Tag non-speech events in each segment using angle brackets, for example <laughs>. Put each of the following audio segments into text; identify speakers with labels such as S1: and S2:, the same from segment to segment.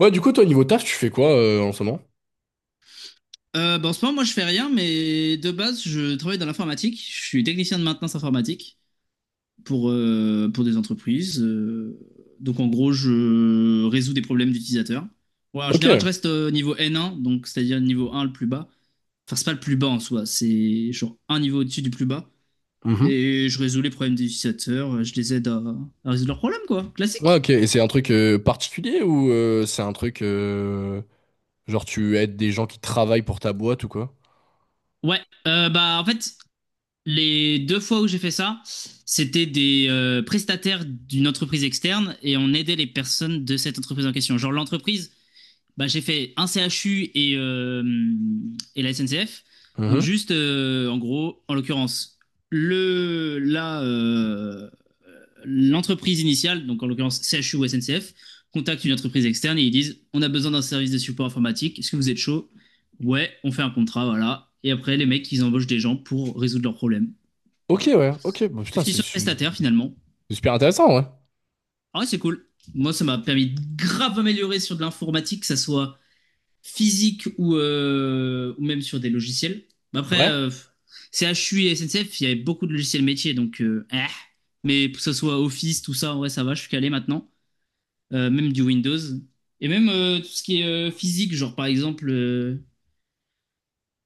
S1: Ouais, du coup, toi, niveau taf, tu fais quoi en ce moment?
S2: Bah, en ce moment, moi, je fais rien, mais de base, je travaille dans l'informatique. Je suis technicien de maintenance informatique pour des entreprises. Donc, en gros, je résous des problèmes d'utilisateurs. Ouais, en général, je
S1: Ok.
S2: reste au niveau N1, donc c'est-à-dire niveau 1 le plus bas. Enfin, c'est pas le plus bas en soi, c'est genre un niveau au-dessus du plus bas.
S1: Mhm.
S2: Et je résous les problèmes des utilisateurs, je les aide à résoudre leurs problèmes, quoi.
S1: Ouais,
S2: Classique.
S1: ok. Et c'est un truc particulier ou c'est un truc genre tu aides des gens qui travaillent pour ta boîte ou quoi?
S2: Ouais, bah en fait, les 2 fois où j'ai fait ça, c'était des prestataires d'une entreprise externe et on aidait les personnes de cette entreprise en question. Genre l'entreprise, bah, j'ai fait un CHU et la SNCF. Donc
S1: Mhm.
S2: juste, en gros, en l'occurrence, le, la, euh, l'entreprise initiale, donc en l'occurrence CHU ou SNCF, contacte une entreprise externe et ils disent, on a besoin d'un service de support informatique, est-ce que vous êtes chaud? Ouais, on fait un contrat, voilà. Et après, les mecs, ils embauchent des gens pour résoudre leurs problèmes.
S1: Ok,
S2: Voilà.
S1: ouais. Ok. Bah, putain,
S2: Définition de prestataire, finalement.
S1: c'est super intéressant, ouais.
S2: Ah ouais, c'est cool. Moi, ça m'a permis de grave améliorer sur de l'informatique, que ça soit physique ou même sur des logiciels. Mais après,
S1: Ouais.
S2: CHU et SNCF, il y avait beaucoup de logiciels métiers, donc. Mais que ce soit Office, tout ça, ouais, ça va, je suis calé maintenant. Même du Windows. Et même tout ce qui est physique, genre par exemple,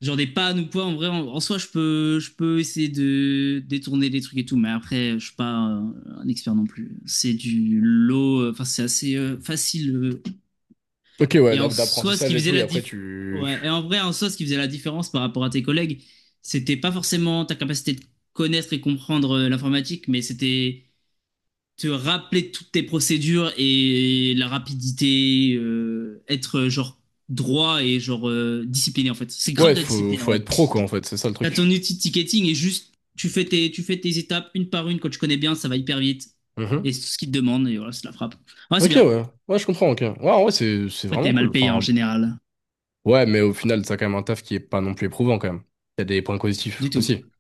S2: genre des pannes ou quoi, en vrai, en soi, je peux essayer de détourner des trucs et tout, mais après, je suis pas un expert non plus. C'est du lot, enfin, c'est assez facile.
S1: Ok, ouais,
S2: Et en soi, ce
S1: d'apprentissage
S2: qui
S1: et
S2: faisait
S1: tout. Et
S2: la
S1: après,
S2: diff... Ouais, et
S1: tu.
S2: en vrai, en soi, ce qui faisait la différence par rapport à tes collègues, c'était pas forcément ta capacité de connaître et comprendre l'informatique, mais c'était te rappeler toutes tes procédures et la rapidité, être genre droit et genre discipliné, en fait. C'est grave
S1: Ouais,
S2: de la
S1: faut,
S2: discipline.
S1: faut être pro, quoi, en fait. C'est ça le
S2: T'as ton
S1: truc.
S2: outil de ticketing et juste tu fais tes étapes une par une. Quand tu connais bien, ça va hyper vite.
S1: Mhm.
S2: Et c'est tout ce qu'ils te demandent. Et voilà, c'est la frappe. Ouais, c'est
S1: Ok,
S2: bien.
S1: ouais. Ouais, je comprends, ok. Ouais, en vrai, c'est
S2: Après,
S1: vraiment
S2: t'es
S1: cool.
S2: mal payé en
S1: Enfin,
S2: général.
S1: ouais, mais au final, t'as quand même un taf qui est pas non plus éprouvant, quand même. Il y a des points positifs
S2: Du tout.
S1: aussi.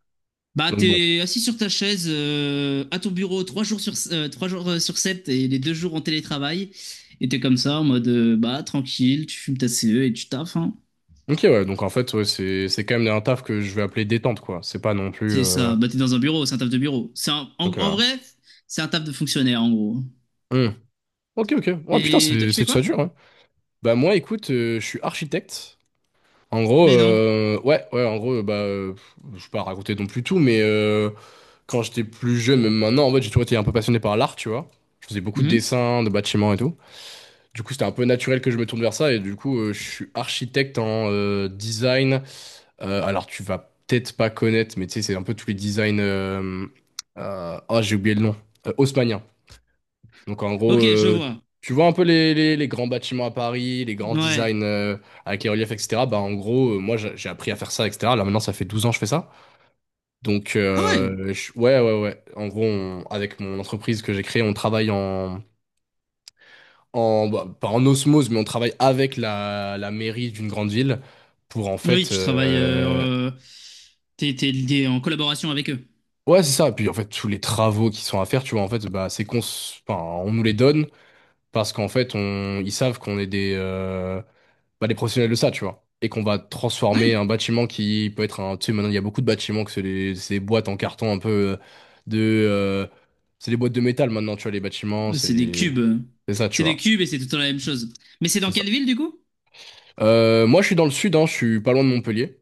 S2: Bah,
S1: Donc bon.
S2: t'es assis sur ta chaise à ton bureau 3 jours sur, trois jours sur 7 et les 2 jours en télétravail. Et t'es comme ça en mode bah tranquille, tu fumes ta CE et tu taffes, hein.
S1: Ok, ouais, donc en fait, ouais, c'est quand même un taf que je vais appeler détente, quoi. C'est pas non plus.
S2: C'est ça. Bah, t'es dans un bureau, c'est un taf de bureau. C'est un- en,
S1: Donc,
S2: en vrai, c'est un taf de fonctionnaire en gros.
S1: hmm. Ok, ok. Ouais, putain,
S2: Et toi,
S1: c'est
S2: tu fais
S1: c'est
S2: quoi?
S1: ça dur, hein. Bah, moi, écoute, je suis architecte. En gros,
S2: Mais non.
S1: ouais, ouais, en gros, bah, pff, je vais pas raconter non plus tout, mais quand j'étais plus jeune, même maintenant, en fait, j'ai toujours été un peu passionné par l'art, tu vois. Je faisais beaucoup de
S2: Mhm.
S1: dessins, de bâtiments et tout. Du coup, c'était un peu naturel que je me tourne vers ça, et du coup, je suis architecte en design. Alors, tu vas peut-être pas connaître, mais tu sais, c'est un peu tous les designs. Ah, j'ai oublié le nom. Haussmannien. Donc, en gros,
S2: Ok, je vois.
S1: tu vois un peu les grands bâtiments à Paris, les grands
S2: Ouais.
S1: designs avec les reliefs, etc. Bah, en gros, moi, j'ai appris à faire ça, etc. Là, maintenant, ça fait 12 ans que je fais ça. Donc,
S2: Ah ouais?
S1: ouais, ouais, ouais. En gros, avec mon entreprise que j'ai créée, on travaille bah, pas en osmose, mais on travaille avec la mairie d'une grande ville pour, en
S2: Oui,
S1: fait,
S2: tu travailles. T'es lié en collaboration avec eux.
S1: Ouais, c'est ça. Puis en fait, tous les travaux qui sont à faire, tu vois, en fait, bah, enfin, on nous les donne parce qu'en fait, ils savent qu'on est des, bah, des professionnels de ça, tu vois. Et qu'on va transformer un bâtiment qui peut être un. Tu sais, maintenant, il y a beaucoup de bâtiments que c'est ces boîtes en carton un peu de. euh, c'est des boîtes de métal maintenant, tu vois, les bâtiments,
S2: Ouais, c'est des
S1: c'est
S2: cubes.
S1: c'est ça, tu
S2: C'est des
S1: vois.
S2: cubes et c'est tout le temps la même chose. Mais c'est dans
S1: C'est ça.
S2: quelle ville du coup?
S1: Moi, je suis dans le sud, hein, je suis pas loin de Montpellier.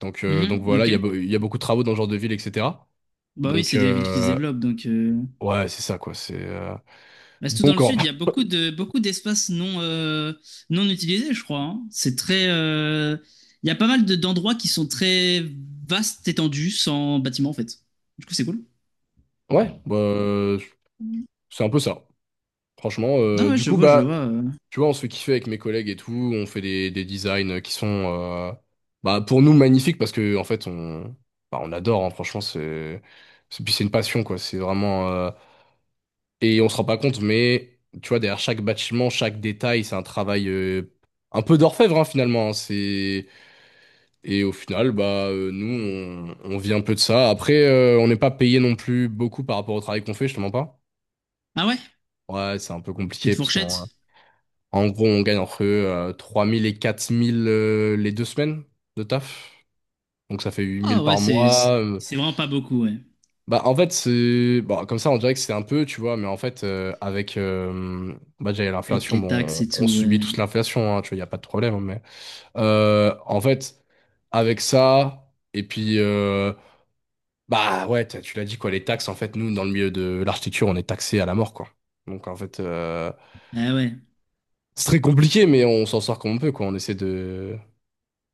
S1: Donc
S2: Mhm,
S1: voilà,
S2: ok.
S1: il y a beaucoup de travaux dans ce genre de ville, etc.
S2: Bah oui,
S1: Donc,
S2: c'est des villes qui se développent donc. euh,
S1: ouais, c'est ça, quoi. C'est.
S2: bah, surtout dans
S1: Donc,
S2: le
S1: en,
S2: sud, il y a
S1: <laughs>
S2: beaucoup d'espaces non non utilisés, je crois, hein. C'est très. Il y a pas mal d'endroits qui sont très vastes, étendus, sans bâtiment en fait. Du coup, c'est cool.
S1: Ouais, bah, c'est un peu ça. Franchement,
S2: Ah ouais,
S1: du
S2: je
S1: coup,
S2: vois, je
S1: bah,
S2: vois.
S1: tu vois, on se fait kiffer avec mes collègues et tout. On fait des designs qui sont, bah, pour nous magnifiques parce que en fait, bah, on adore. Hein. Franchement, puis c'est une passion, quoi. C'est vraiment, et on se rend pas compte, mais tu vois, derrière chaque bâtiment, chaque détail, c'est un travail un peu d'orfèvre hein, finalement. Hein. c'est Et au final, bah, nous, on vit un peu de ça. Après, on n'est pas payé non plus beaucoup par rapport au travail qu'on fait. Je te mens pas.
S2: Ah ouais?
S1: Ouais, c'est un peu compliqué
S2: Petite
S1: parce qu'
S2: fourchette?
S1: en gros, on gagne entre 3 000 et 4 000 les deux semaines de taf. Donc ça fait 8 000
S2: Ah ouais,
S1: par
S2: c'est
S1: mois.
S2: c'est vraiment pas beaucoup, ouais.
S1: Bah en fait, c'est bon, comme ça on dirait que c'est un peu, tu vois, mais en fait avec bah déjà il y a
S2: Avec
S1: l'inflation,
S2: les taxes
S1: bon,
S2: et
S1: on
S2: tout,
S1: subit
S2: ouais.
S1: tous l'inflation hein, tu vois, il y a pas de problème, hein, mais en fait avec ça et puis bah ouais, tu l'as dit quoi, les taxes en fait, nous dans le milieu de l'architecture, on est taxé à la mort quoi. Donc en fait
S2: Ah ouais,
S1: c'est très compliqué, mais on s'en sort comme on peut, quoi. On essaie de,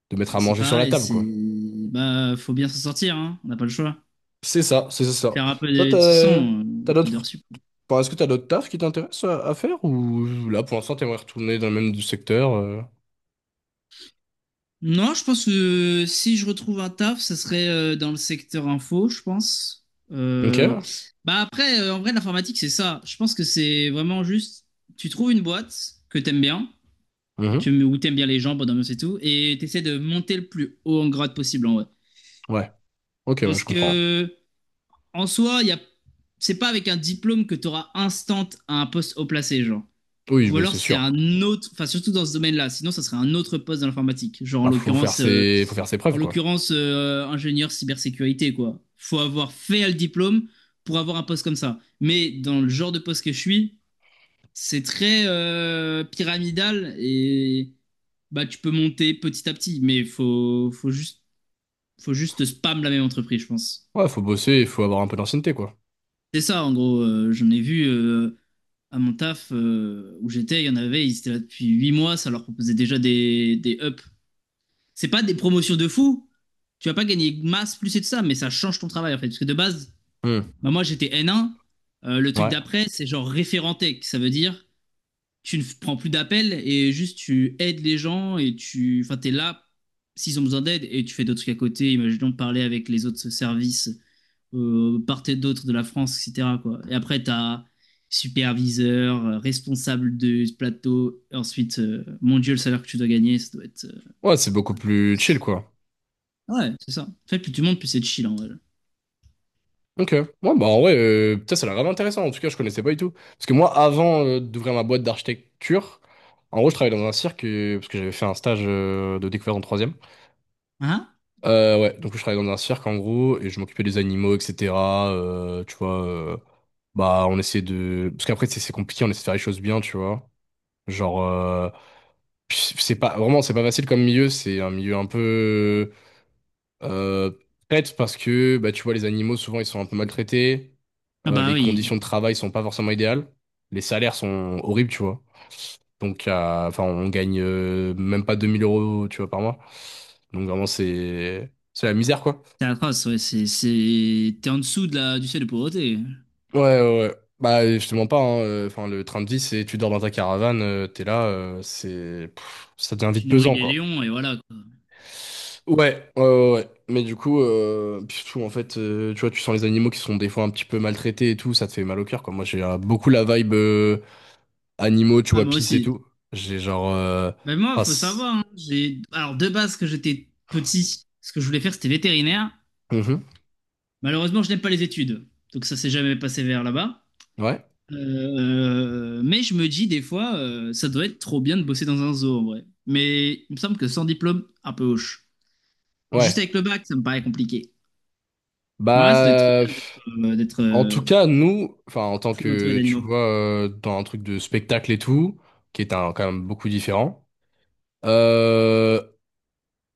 S1: de mettre à
S2: c'est
S1: manger sur la
S2: pareil,
S1: table,
S2: c'est...
S1: quoi.
S2: Bah, faut bien s'en sortir, hein. On n'a pas le choix.
S1: C'est ça, c'est ça.
S2: Faire un peu de,
S1: Toi,
S2: de toute façon,
S1: t'as
S2: un peu
S1: d'autres,
S2: d'heures sup.
S1: enfin, est-ce que t'as d'autres tafs qui t'intéressent à faire ou là, pour l'instant, t'aimerais retourner dans le même du secteur
S2: Non, je pense que si je retrouve un taf, ça serait dans le secteur info, je pense.
S1: Ok.
S2: Euh, Bah après, en vrai, l'informatique, c'est ça. Je pense que c'est vraiment juste, tu trouves une boîte que t'aimes bien,
S1: Mhm.
S2: où t'aimes bien les gens, bonne ambiance et tout, et t'essaies de monter le plus haut en grade possible, en vrai.
S1: Ouais. Ok, ouais,
S2: Parce
S1: je comprends.
S2: que en soi, y a... c'est pas avec un diplôme que tu auras instant un poste haut placé, genre.
S1: Oui,
S2: Ou
S1: bah,
S2: alors
S1: c'est
S2: c'est
S1: sûr.
S2: un autre, enfin surtout dans ce domaine-là, sinon ça serait un autre poste dans l'informatique, genre en
S1: Bah,
S2: l'occurrence, euh,
S1: faut faire ses
S2: en
S1: preuves, quoi.
S2: l'occurrence euh, ingénieur cybersécurité, quoi. Faut avoir fait le diplôme pour avoir un poste comme ça. Mais dans le genre de poste que je suis, c'est très pyramidal et bah tu peux monter petit à petit, mais faut juste spam la même entreprise, je pense.
S1: Ouais, faut bosser, il faut avoir un peu d'ancienneté, quoi.
S2: C'est ça en gros. J'en ai vu à mon taf où j'étais, il y en avait, ils étaient là depuis 8 mois, ça leur proposait déjà des ups. C'est pas des promotions de fou, tu vas pas gagner masse plus et tout ça, mais ça change ton travail en fait. Parce que de base,
S1: Hmm.
S2: bah, moi j'étais N1, le truc
S1: Ouais.
S2: d'après c'est genre référenté, ça veut dire tu ne prends plus d'appels et juste tu aides les gens et tu enfin, t'es là s'ils ont besoin d'aide et tu fais d'autres trucs à côté, imaginons parler avec les autres services part et d'autre de la France, etc., quoi. Et après, tu as superviseur, responsable de ce plateau. Et ensuite, mon Dieu, le salaire que tu dois gagner, ça doit être.
S1: Ouais, c'est beaucoup plus chill, quoi.
S2: Ouais, c'est ça. En fait, plus tu montes, plus c'est chill en vrai.
S1: Ok. Ouais, bah en vrai, putain, ça a l'air grave intéressant. En tout cas, je connaissais pas du tout. Parce que moi, avant d'ouvrir ma boîte d'architecture, en gros, je travaillais dans un cirque parce que j'avais fait un stage de découverte en troisième.
S2: Hein?
S1: Ouais, donc je travaillais dans un cirque en gros et je m'occupais des animaux, etc. Tu vois, bah on essaie de, parce qu'après c'est compliqué, on essaie de faire les choses bien, tu vois. Genre, c'est pas facile comme milieu. C'est un milieu un peu euh, traite parce que bah, tu vois, les animaux, souvent, ils sont un peu maltraités.
S2: Ah bah
S1: Les
S2: oui,
S1: conditions de travail sont pas forcément idéales. Les salaires sont horribles, tu vois. Donc, enfin, on gagne même pas 2 000 euros, tu vois, par mois. Donc, vraiment, c'est la misère, quoi.
S2: c'est atroce, ouais. C'est... T'es en dessous du seuil de pauvreté.
S1: Ouais, ouais, ouais. Bah, je te mens pas, hein. Enfin, le train de vie, c'est tu dors dans ta caravane, t'es là, c'est pff, ça devient vite
S2: Tu nourris
S1: pesant,
S2: les
S1: quoi.
S2: lions et voilà quoi.
S1: Ouais, ouais, ouais. Ouais. Mais du coup, puis surtout, en fait, tu vois, tu sens les animaux qui sont des fois un petit peu maltraités et tout, ça te fait mal au cœur, quoi. Moi, j'ai beaucoup la vibe animaux, tu
S2: Ah,
S1: vois,
S2: moi
S1: pisse et
S2: aussi.
S1: tout. J'ai genre
S2: Ben moi,
S1: ah,
S2: faut savoir, hein, j'ai... Alors, de base, que j'étais petit, ce que je voulais faire, c'était vétérinaire.
S1: Mhm.
S2: Malheureusement, je n'aime pas les études. Donc, ça s'est jamais passé vers là-bas.
S1: Ouais,
S2: Mais je me dis des fois, ça doit être trop bien de bosser dans un zoo en vrai. Mais il me semble que sans diplôme, un peu hoche. Juste
S1: ouais.
S2: avec le bac, ça me paraît compliqué. Mais ouais, ça doit être trop
S1: Bah,
S2: bien d'être
S1: pff, en tout cas, nous, enfin, en tant
S2: full entouré
S1: que, tu
S2: d'animaux.
S1: vois, dans un truc de spectacle et tout, qui est un, quand même beaucoup différent, euh,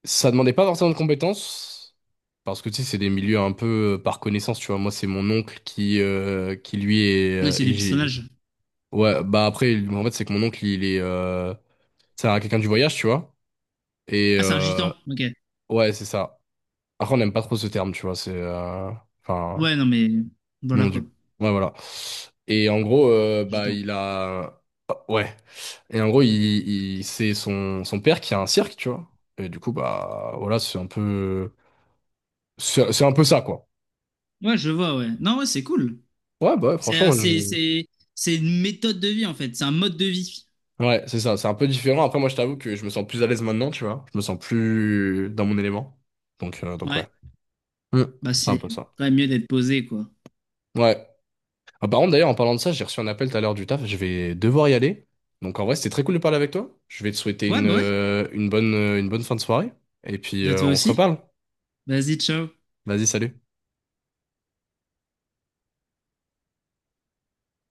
S1: Ça demandait pas forcément de compétences, parce que tu sais, c'est des milieux un peu par connaissance, tu vois. Moi, c'est mon oncle qui lui est,
S2: Oui, c'est
S1: et
S2: du
S1: j'ai...
S2: pistonnage.
S1: Ouais, bah après, en fait, c'est que mon oncle, il est... C'est quelqu'un du voyage, tu vois. Et
S2: Ah, c'est un gitan. Ok.
S1: ouais, c'est ça. Après, on n'aime pas trop ce terme, tu vois. C'est... Enfin,
S2: Ouais, non mais voilà
S1: non, du...
S2: quoi,
S1: Ouais, voilà. Et en gros, bah,
S2: gitan.
S1: il a... Oh, ouais. Et en gros, c'est son père qui a un cirque, tu vois. Et du coup, bah, voilà, c'est un peu... C'est un peu ça, quoi.
S2: Ouais, je vois. Ouais. Non, ouais, c'est cool.
S1: Ouais, bah, ouais,
S2: C'est euh,
S1: franchement, moi,
S2: c'est c'est c'est une méthode de vie en fait. C'est un mode de vie.
S1: ouais, c'est ça, c'est un peu différent. Après, moi, je t'avoue que je me sens plus à l'aise maintenant, tu vois. Je me sens plus dans mon élément. Donc
S2: Ouais.
S1: ouais. Hmm.
S2: Bah
S1: C'est un
S2: c'est
S1: peu ça.
S2: quand même mieux d'être posé quoi.
S1: Ouais. Ah, par contre, d'ailleurs, en parlant de ça, j'ai reçu un appel tout à l'heure du taf. Je vais devoir y aller. Donc, en vrai, c'était très cool de parler avec toi. Je vais te souhaiter une,
S2: Ouais.
S1: euh, une bonne, une bonne fin de soirée. Et puis,
S2: Bah toi
S1: on se
S2: aussi.
S1: reparle.
S2: Vas-y, ciao.
S1: Vas-y, salut.